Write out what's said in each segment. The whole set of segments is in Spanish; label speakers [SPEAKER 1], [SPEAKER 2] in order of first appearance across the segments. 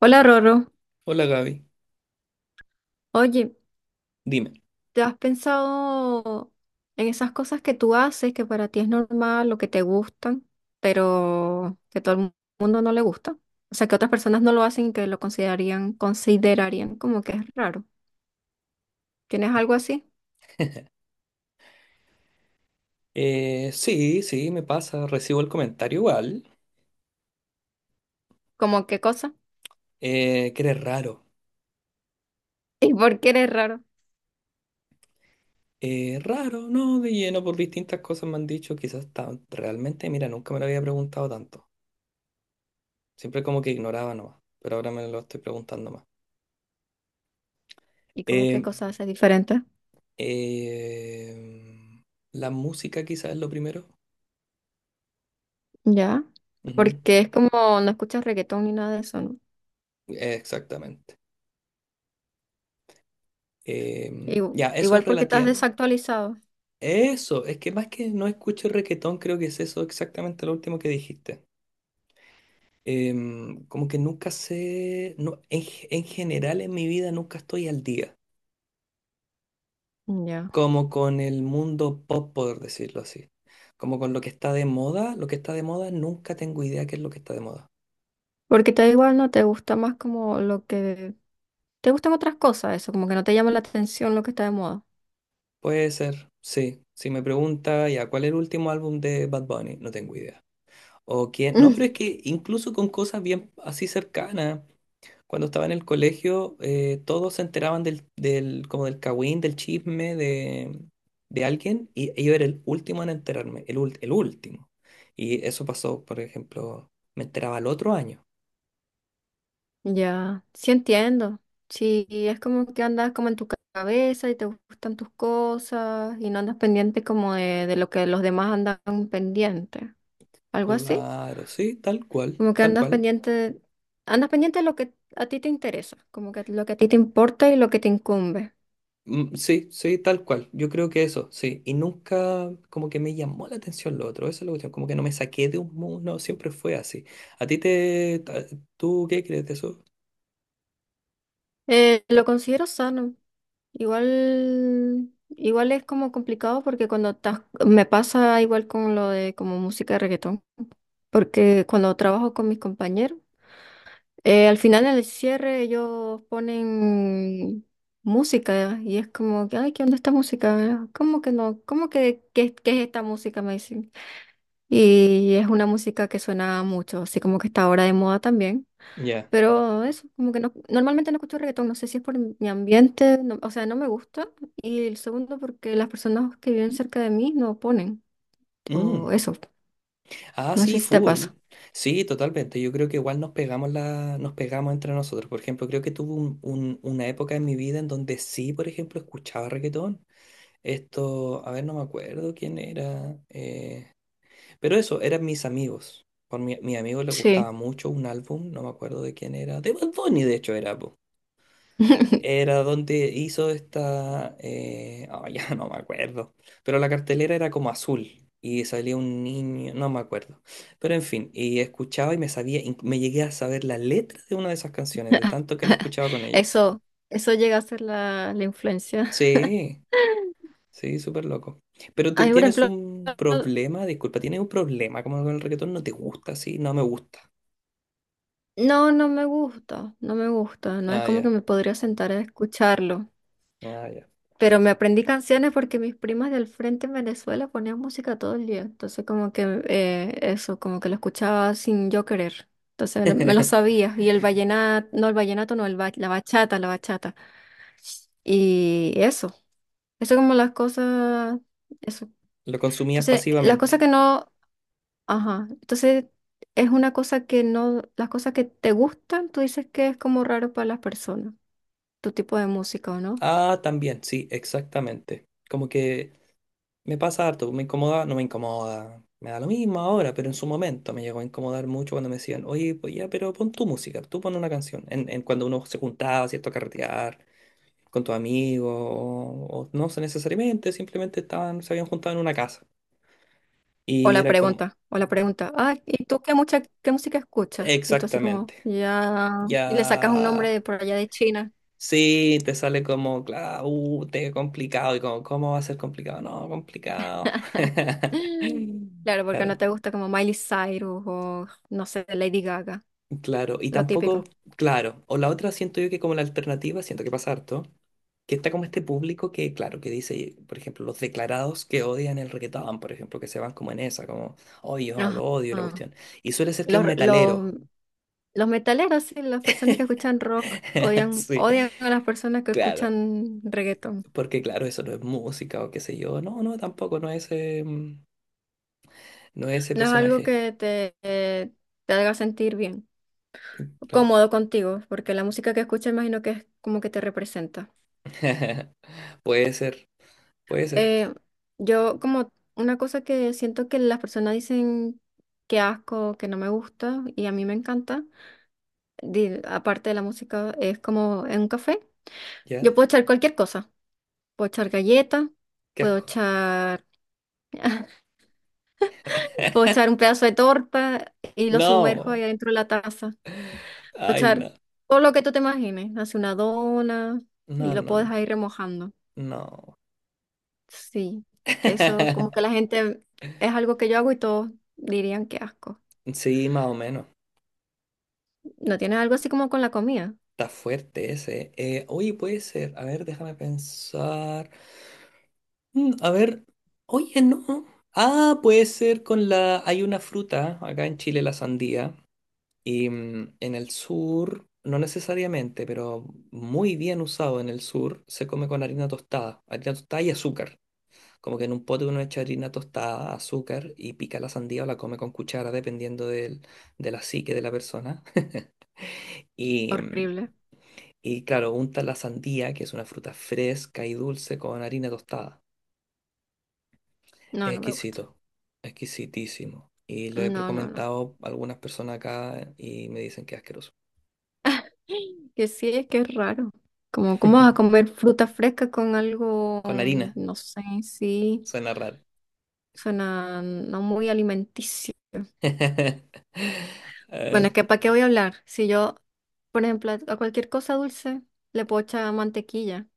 [SPEAKER 1] Hola Roro,
[SPEAKER 2] Hola Gaby,
[SPEAKER 1] oye,
[SPEAKER 2] dime.
[SPEAKER 1] ¿te has pensado en esas cosas que tú haces, que para ti es normal o que te gustan, pero que mundo no le gusta? O sea, que otras personas no lo hacen y que lo considerarían como que es raro. ¿Tienes algo así?
[SPEAKER 2] Sí, sí, me pasa, recibo el comentario igual,
[SPEAKER 1] ¿Como qué cosa?
[SPEAKER 2] que eres raro.
[SPEAKER 1] ¿Y por qué eres raro?
[SPEAKER 2] Raro, no, de lleno, por distintas cosas me han dicho, quizás tan, realmente, mira, nunca me lo había preguntado tanto. Siempre como que ignoraba nomás, pero ahora me lo estoy preguntando más.
[SPEAKER 1] ¿Y cómo qué
[SPEAKER 2] Eh,
[SPEAKER 1] cosa haces diferente?
[SPEAKER 2] eh, la música quizás es lo primero.
[SPEAKER 1] Ya,
[SPEAKER 2] Ujú.
[SPEAKER 1] porque es como no escuchas reggaetón ni nada de eso, ¿no?
[SPEAKER 2] Exactamente. Ya, eso es
[SPEAKER 1] Igual porque estás
[SPEAKER 2] relativa.
[SPEAKER 1] desactualizado.
[SPEAKER 2] Eso, es que más que no escucho reggaetón, creo que es eso exactamente lo último que dijiste. Como que nunca sé, no, en general en mi vida nunca estoy al día,
[SPEAKER 1] Ya.
[SPEAKER 2] como con el mundo pop, por decirlo así, como con lo que está de moda, lo que está de moda nunca tengo idea qué es lo que está de moda.
[SPEAKER 1] Porque te da igual, no te gusta más como lo que... ¿Te gustan otras cosas eso? Como que no te llama la atención lo que está de moda.
[SPEAKER 2] Puede ser, sí, si me pregunta, ya, ¿cuál es el último álbum de Bad Bunny? No tengo idea. O quién, no, pero es que incluso con cosas bien así cercanas. Cuando estaba en el colegio, todos se enteraban como del cagüín, del chisme de alguien, y yo era el último en enterarme, el último. Y eso pasó, por ejemplo, me enteraba el otro año.
[SPEAKER 1] Mm, ya, sí entiendo. Sí, es como que andas como en tu cabeza y te gustan tus cosas y no andas pendiente como de lo que los demás andan pendiente. Algo así.
[SPEAKER 2] Claro, sí, tal cual,
[SPEAKER 1] Como que
[SPEAKER 2] tal cual.
[SPEAKER 1] andas pendiente de lo que a ti te interesa, como que lo que a ti te importa y lo que te incumbe.
[SPEAKER 2] Mm, sí, sí, tal cual. Yo creo que eso, sí. Y nunca como que me llamó la atención lo otro, esa es la cuestión, como que no me saqué de un mundo, siempre fue así. ¿A ti te... ta- ¿Tú qué crees de eso?
[SPEAKER 1] Lo considero sano. Igual, igual es como complicado porque cuando estás, me pasa igual con lo de como música de reggaetón. Porque cuando trabajo con mis compañeros, al final en el cierre ellos ponen música y es como que, ay, ¿qué onda esta música? ¿Cómo que no? ¿Cómo que qué es esta música? Me dicen. Y es una música que suena mucho, así como que está ahora de moda también.
[SPEAKER 2] Ya.
[SPEAKER 1] Pero eso, como que no, normalmente no escucho reggaetón, no sé si es por mi ambiente, o sea, no me gusta. Y el segundo, porque las personas que viven cerca de mí no ponen, o
[SPEAKER 2] Mm.
[SPEAKER 1] eso,
[SPEAKER 2] Ah,
[SPEAKER 1] no
[SPEAKER 2] sí,
[SPEAKER 1] sé si te
[SPEAKER 2] full.
[SPEAKER 1] pasa.
[SPEAKER 2] Sí, totalmente. Yo creo que igual nos pegamos la, nos pegamos entre nosotros. Por ejemplo, creo que tuve una época en mi vida en donde sí, por ejemplo, escuchaba reggaetón. Esto, a ver, no me acuerdo quién era. Pero eso, eran mis amigos. Mi amigo le gustaba
[SPEAKER 1] Sí.
[SPEAKER 2] mucho un álbum, no me acuerdo de quién era. De Bad Bunny, de hecho, era. Era donde hizo esta... ya no me acuerdo. Pero la cartelera era como azul y salía un niño, no me acuerdo. Pero en fin, y escuchaba y me sabía, me llegué a saber la letra de una de esas canciones, de tanto que la escuchaba con ellos.
[SPEAKER 1] Eso, eso llega a ser la influencia.
[SPEAKER 2] Sí, sí, súper loco. Pero
[SPEAKER 1] A
[SPEAKER 2] tú
[SPEAKER 1] mí, por
[SPEAKER 2] tienes
[SPEAKER 1] ejemplo,
[SPEAKER 2] un problema, disculpa, tienes un problema como con el reggaetón, no te gusta, sí, no me gusta.
[SPEAKER 1] no, no me gusta, no me gusta, no es
[SPEAKER 2] Ah,
[SPEAKER 1] como que
[SPEAKER 2] ya,
[SPEAKER 1] me podría sentar a escucharlo,
[SPEAKER 2] ah, ya.
[SPEAKER 1] pero me aprendí canciones porque mis primas del frente en Venezuela ponían música todo el día, entonces como que eso, como que lo escuchaba sin yo querer, entonces me lo sabía, y el vallenato, no, la bachata, y eso como las cosas, eso.
[SPEAKER 2] Lo consumías
[SPEAKER 1] Entonces, las cosas
[SPEAKER 2] pasivamente.
[SPEAKER 1] que no... Ajá. Entonces, es una cosa que no, las cosas que te gustan, tú dices que es como raro para las personas, tu tipo de música, ¿o no?
[SPEAKER 2] Ah, también, sí, exactamente. Como que... Me pasa harto, me incomoda, no me incomoda, me da lo mismo ahora, pero en su momento me llegó a incomodar mucho cuando me decían, oye, pues ya, pero pon tu música, tú pon una canción. En cuando uno se juntaba, ¿cierto? A carretear con tus amigos, o no sé necesariamente, simplemente estaban, se habían juntado en una casa. Y era como,
[SPEAKER 1] O la pregunta, ah, ¿y tú qué música escuchas? Y tú así como,
[SPEAKER 2] exactamente,
[SPEAKER 1] ya, y le sacas un nombre
[SPEAKER 2] ya,
[SPEAKER 1] de por allá de China.
[SPEAKER 2] sí, te sale como, claro, te complicado, y como, ¿cómo va a ser complicado? No, complicado.
[SPEAKER 1] Claro, porque no
[SPEAKER 2] Claro.
[SPEAKER 1] te gusta como Miley Cyrus o, no sé, Lady Gaga,
[SPEAKER 2] Claro, y
[SPEAKER 1] lo
[SPEAKER 2] tampoco,
[SPEAKER 1] típico.
[SPEAKER 2] claro, o la otra siento yo que como la alternativa, siento que pasa harto, que está como este público que, claro, que dice, por ejemplo, los declarados que odian el reggaetón, por ejemplo, que se van como en esa, como, oye, yo no
[SPEAKER 1] Ajá.
[SPEAKER 2] lo odio, la
[SPEAKER 1] Ah,
[SPEAKER 2] cuestión. Y suele ser que
[SPEAKER 1] Los,
[SPEAKER 2] un
[SPEAKER 1] los,
[SPEAKER 2] metalero,
[SPEAKER 1] los metaleros, sí, las personas que escuchan rock odian,
[SPEAKER 2] sí,
[SPEAKER 1] odian a las personas que
[SPEAKER 2] claro,
[SPEAKER 1] escuchan reggaetón.
[SPEAKER 2] porque claro, eso no es música o qué sé yo, no, no, tampoco, no es, no es ese
[SPEAKER 1] No es algo
[SPEAKER 2] personaje,
[SPEAKER 1] que te haga sentir bien,
[SPEAKER 2] claro.
[SPEAKER 1] cómodo contigo, porque la música que escuchas imagino que es como que te representa.
[SPEAKER 2] Puede ser, puede ser,
[SPEAKER 1] Eh, yo como una cosa que siento que las personas dicen que asco, que no me gusta, y a mí me encanta, aparte de la música, es como en un café. Yo
[SPEAKER 2] ¿ya?
[SPEAKER 1] puedo echar cualquier cosa, puedo echar galleta,
[SPEAKER 2] Qué
[SPEAKER 1] puedo
[SPEAKER 2] asco.
[SPEAKER 1] echar, puedo echar un pedazo de torta y lo sumerjo ahí
[SPEAKER 2] No,
[SPEAKER 1] adentro de la taza. Puedes
[SPEAKER 2] ay,
[SPEAKER 1] echar
[SPEAKER 2] no.
[SPEAKER 1] todo lo que tú te imagines. Hace una dona y
[SPEAKER 2] No,
[SPEAKER 1] lo
[SPEAKER 2] no,
[SPEAKER 1] puedes
[SPEAKER 2] no,
[SPEAKER 1] ir remojando.
[SPEAKER 2] no.
[SPEAKER 1] Sí, eso como que la gente es algo que yo hago y todos dirían que asco.
[SPEAKER 2] Sí, más o menos.
[SPEAKER 1] ¿No tienes algo así como con la comida?
[SPEAKER 2] Está fuerte ese. Oye, puede ser. A ver, déjame pensar. Mm, a ver. Oye, no. Ah, puede ser con la... Hay una fruta acá en Chile, la sandía. Y mm, en el sur, no necesariamente, pero muy bien usado en el sur, se come con harina tostada. Harina tostada y azúcar. Como que en un pote uno echa harina tostada, azúcar y pica la sandía o la come con cuchara, dependiendo del, de la psique de la persona. Y, mm,
[SPEAKER 1] Horrible.
[SPEAKER 2] y claro, unta la sandía, que es una fruta fresca y dulce, con harina tostada. Es
[SPEAKER 1] No, no me gusta.
[SPEAKER 2] exquisito, exquisitísimo. Y lo he
[SPEAKER 1] No, no, no.
[SPEAKER 2] comentado a algunas personas acá y me dicen que es asqueroso.
[SPEAKER 1] Que sí, es que es raro. Como, ¿cómo vas a comer fruta fresca con algo,
[SPEAKER 2] Con
[SPEAKER 1] mm,
[SPEAKER 2] harina,
[SPEAKER 1] no sé, sí,
[SPEAKER 2] suena raro.
[SPEAKER 1] suena no muy alimenticio. Bueno,
[SPEAKER 2] Eh,
[SPEAKER 1] es que ¿para qué voy a hablar? Si yo, por ejemplo, a cualquier cosa dulce le puedo echar mantequilla.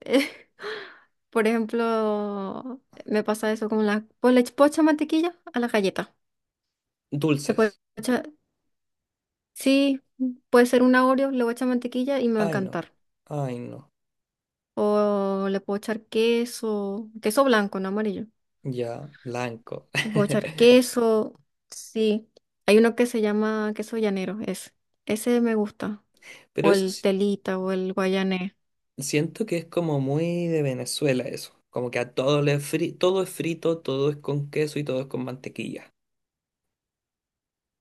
[SPEAKER 1] Por ejemplo, me pasa eso con la... Pues le puedo echar mantequilla a la galleta. Le puedo
[SPEAKER 2] dulces.
[SPEAKER 1] echar- Sí, puede ser un Oreo, le voy a echar mantequilla y me va a
[SPEAKER 2] Ay, no.
[SPEAKER 1] encantar.
[SPEAKER 2] Ay, no.
[SPEAKER 1] O le puedo echar queso, queso blanco, no amarillo.
[SPEAKER 2] Ya, blanco.
[SPEAKER 1] Le puedo echar queso, sí. Hay uno que se llama queso llanero, ese. Ese me gusta.
[SPEAKER 2] Pero
[SPEAKER 1] O
[SPEAKER 2] eso
[SPEAKER 1] el
[SPEAKER 2] sí,
[SPEAKER 1] telita o el guayanés.
[SPEAKER 2] siento que es como muy de Venezuela eso, como que a todo todo es frito, todo es con queso y todo es con mantequilla.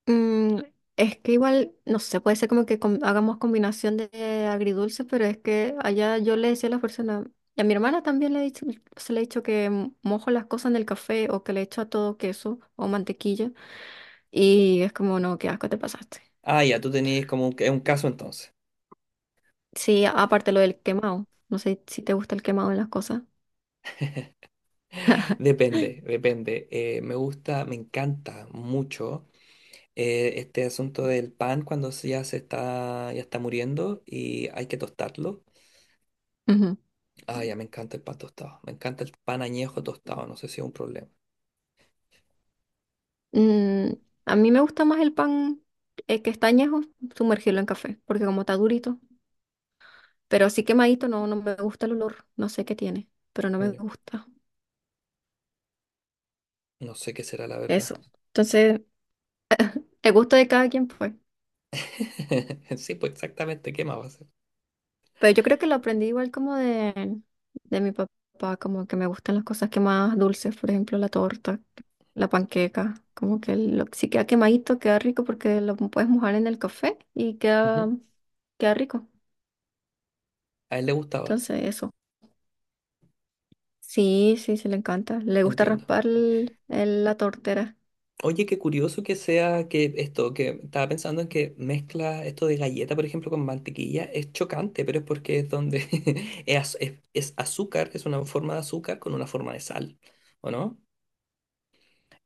[SPEAKER 1] Mm, es que igual, no sé, puede ser como que hagamos combinación de agridulce, pero es que allá yo le decía a las personas, y a mi hermana también le he dicho, se le he dicho que mojo las cosas en el café o que le echo a todo queso o mantequilla, y es como, no, qué asco te pasaste.
[SPEAKER 2] Ah, ya, tú tenías como un caso entonces.
[SPEAKER 1] Sí, aparte lo del quemado, no sé si te gusta el quemado en las cosas.
[SPEAKER 2] Depende, depende. Me gusta, me encanta mucho este asunto del pan cuando ya se está, ya está muriendo y hay que tostarlo.
[SPEAKER 1] Ujú.
[SPEAKER 2] Ah, ya, me encanta el pan tostado. Me encanta el pan añejo tostado, no sé si es un problema.
[SPEAKER 1] Mm, a mí me gusta más el pan que está añejo, sumergirlo en café, porque como está durito. Pero así quemadito no, no me gusta el olor. No sé qué tiene, pero no me
[SPEAKER 2] Mm,
[SPEAKER 1] gusta.
[SPEAKER 2] no sé qué será la verdad.
[SPEAKER 1] Eso. Entonces, el gusto de cada quien fue.
[SPEAKER 2] Sí, pues exactamente, ¿qué más va a ser?
[SPEAKER 1] Pero yo creo que lo aprendí igual como de mi papá, como que me gustan las cosas quemadas dulces, por ejemplo, la torta, la panqueca. Como que lo, si queda quemadito, queda rico porque lo puedes mojar en el café y
[SPEAKER 2] Ujú.
[SPEAKER 1] queda, queda rico.
[SPEAKER 2] A él le gustaba.
[SPEAKER 1] Entonces, eso. Sí, sí, sí, le encanta. Le gusta
[SPEAKER 2] Entiendo.
[SPEAKER 1] raspar la tortera.
[SPEAKER 2] Oye, qué curioso que sea que esto, que estaba pensando en que mezcla esto de galleta, por ejemplo, con mantequilla, es chocante, pero es porque es donde es, es azúcar, es una forma de azúcar con una forma de sal, ¿o no?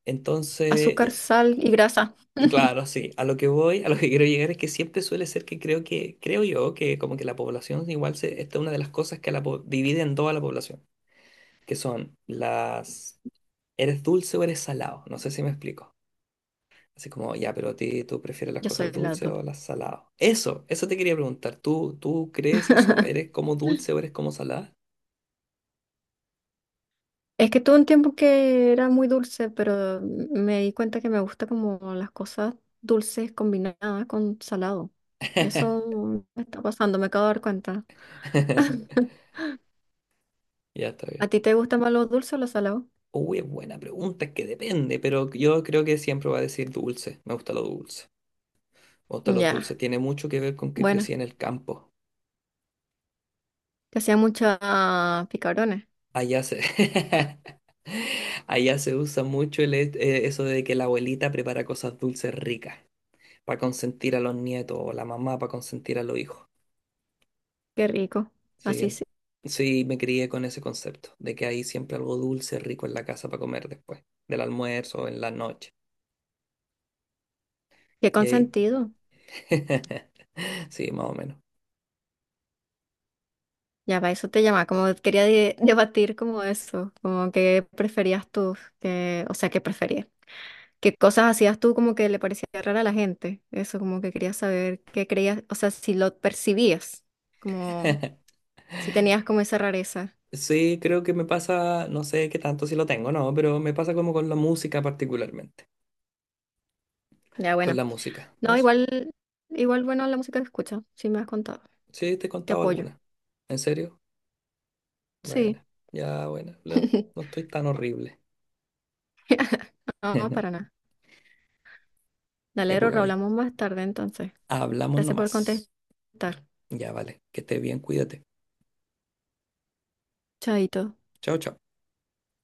[SPEAKER 2] Entonces,
[SPEAKER 1] Azúcar, sal y grasa.
[SPEAKER 2] claro, sí, a lo que voy, a lo que quiero llegar es que siempre suele ser que, creo yo, que como que la población igual se, esta es una de las cosas que a divide en dos a la población, que son las, ¿eres dulce o eres salado? No sé si me explico. Así como, ya, pero a tú prefieres las
[SPEAKER 1] Yo
[SPEAKER 2] cosas
[SPEAKER 1] soy las
[SPEAKER 2] dulces
[SPEAKER 1] dos.
[SPEAKER 2] o las saladas. Eso te quería preguntar. ¿Tú crees eso? ¿Eres como dulce o eres como salada?
[SPEAKER 1] Es que tuve un tiempo que era muy dulce, pero me di cuenta que me gusta como las cosas dulces combinadas con salado. Eso me está pasando, me acabo de dar cuenta.
[SPEAKER 2] Ya está
[SPEAKER 1] ¿A
[SPEAKER 2] bien.
[SPEAKER 1] ti te gusta más lo dulce o lo salado?
[SPEAKER 2] Uy, es buena pregunta, es que depende, pero yo creo que siempre va a decir dulce. Me gusta lo dulce. Me gusta lo dulce.
[SPEAKER 1] Ya,
[SPEAKER 2] Tiene mucho que ver con que crecí
[SPEAKER 1] bueno,
[SPEAKER 2] en el campo.
[SPEAKER 1] te hacía muchos picarones.
[SPEAKER 2] Allá se, allá se usa mucho eso de que la abuelita prepara cosas dulces ricas para consentir a los nietos o la mamá para consentir a los hijos.
[SPEAKER 1] Qué rico.
[SPEAKER 2] Sí,
[SPEAKER 1] Así
[SPEAKER 2] en-
[SPEAKER 1] sí.
[SPEAKER 2] sí, me crié con ese concepto, de que hay siempre algo dulce, rico en la casa para comer después, del almuerzo o en la noche.
[SPEAKER 1] Qué
[SPEAKER 2] Y ahí,
[SPEAKER 1] consentido.
[SPEAKER 2] sí, más o menos.
[SPEAKER 1] Ya va, eso te llama. Como debatir como eso, como que preferías tú, que, o sea, que preferías. ¿Qué cosas hacías tú como que le parecía rara a la gente? Eso, como que querías saber qué creías, o sea, si lo percibías, como si tenías como esa rareza.
[SPEAKER 2] Sí, creo que me pasa, no sé qué tanto si lo tengo, no, pero me pasa como con la música particularmente,
[SPEAKER 1] Ya,
[SPEAKER 2] con
[SPEAKER 1] bueno.
[SPEAKER 2] la música,
[SPEAKER 1] No,
[SPEAKER 2] eso.
[SPEAKER 1] igual, igual, bueno, la música que escucho, sí me has contado.
[SPEAKER 2] Sí, te he
[SPEAKER 1] Te
[SPEAKER 2] contado
[SPEAKER 1] apoyo.
[SPEAKER 2] alguna. ¿En serio?
[SPEAKER 1] Sí.
[SPEAKER 2] Bueno, ya, bueno, no, no estoy tan horrible.
[SPEAKER 1] No, para nada.
[SPEAKER 2] Ya,
[SPEAKER 1] Dale,
[SPEAKER 2] pues,
[SPEAKER 1] Rorro,
[SPEAKER 2] Gaby,
[SPEAKER 1] hablamos más tarde entonces.
[SPEAKER 2] hablamos
[SPEAKER 1] Gracias por
[SPEAKER 2] nomás.
[SPEAKER 1] contestar.
[SPEAKER 2] Ya, vale, que estés bien, cuídate.
[SPEAKER 1] Chaito.
[SPEAKER 2] Chao, chao.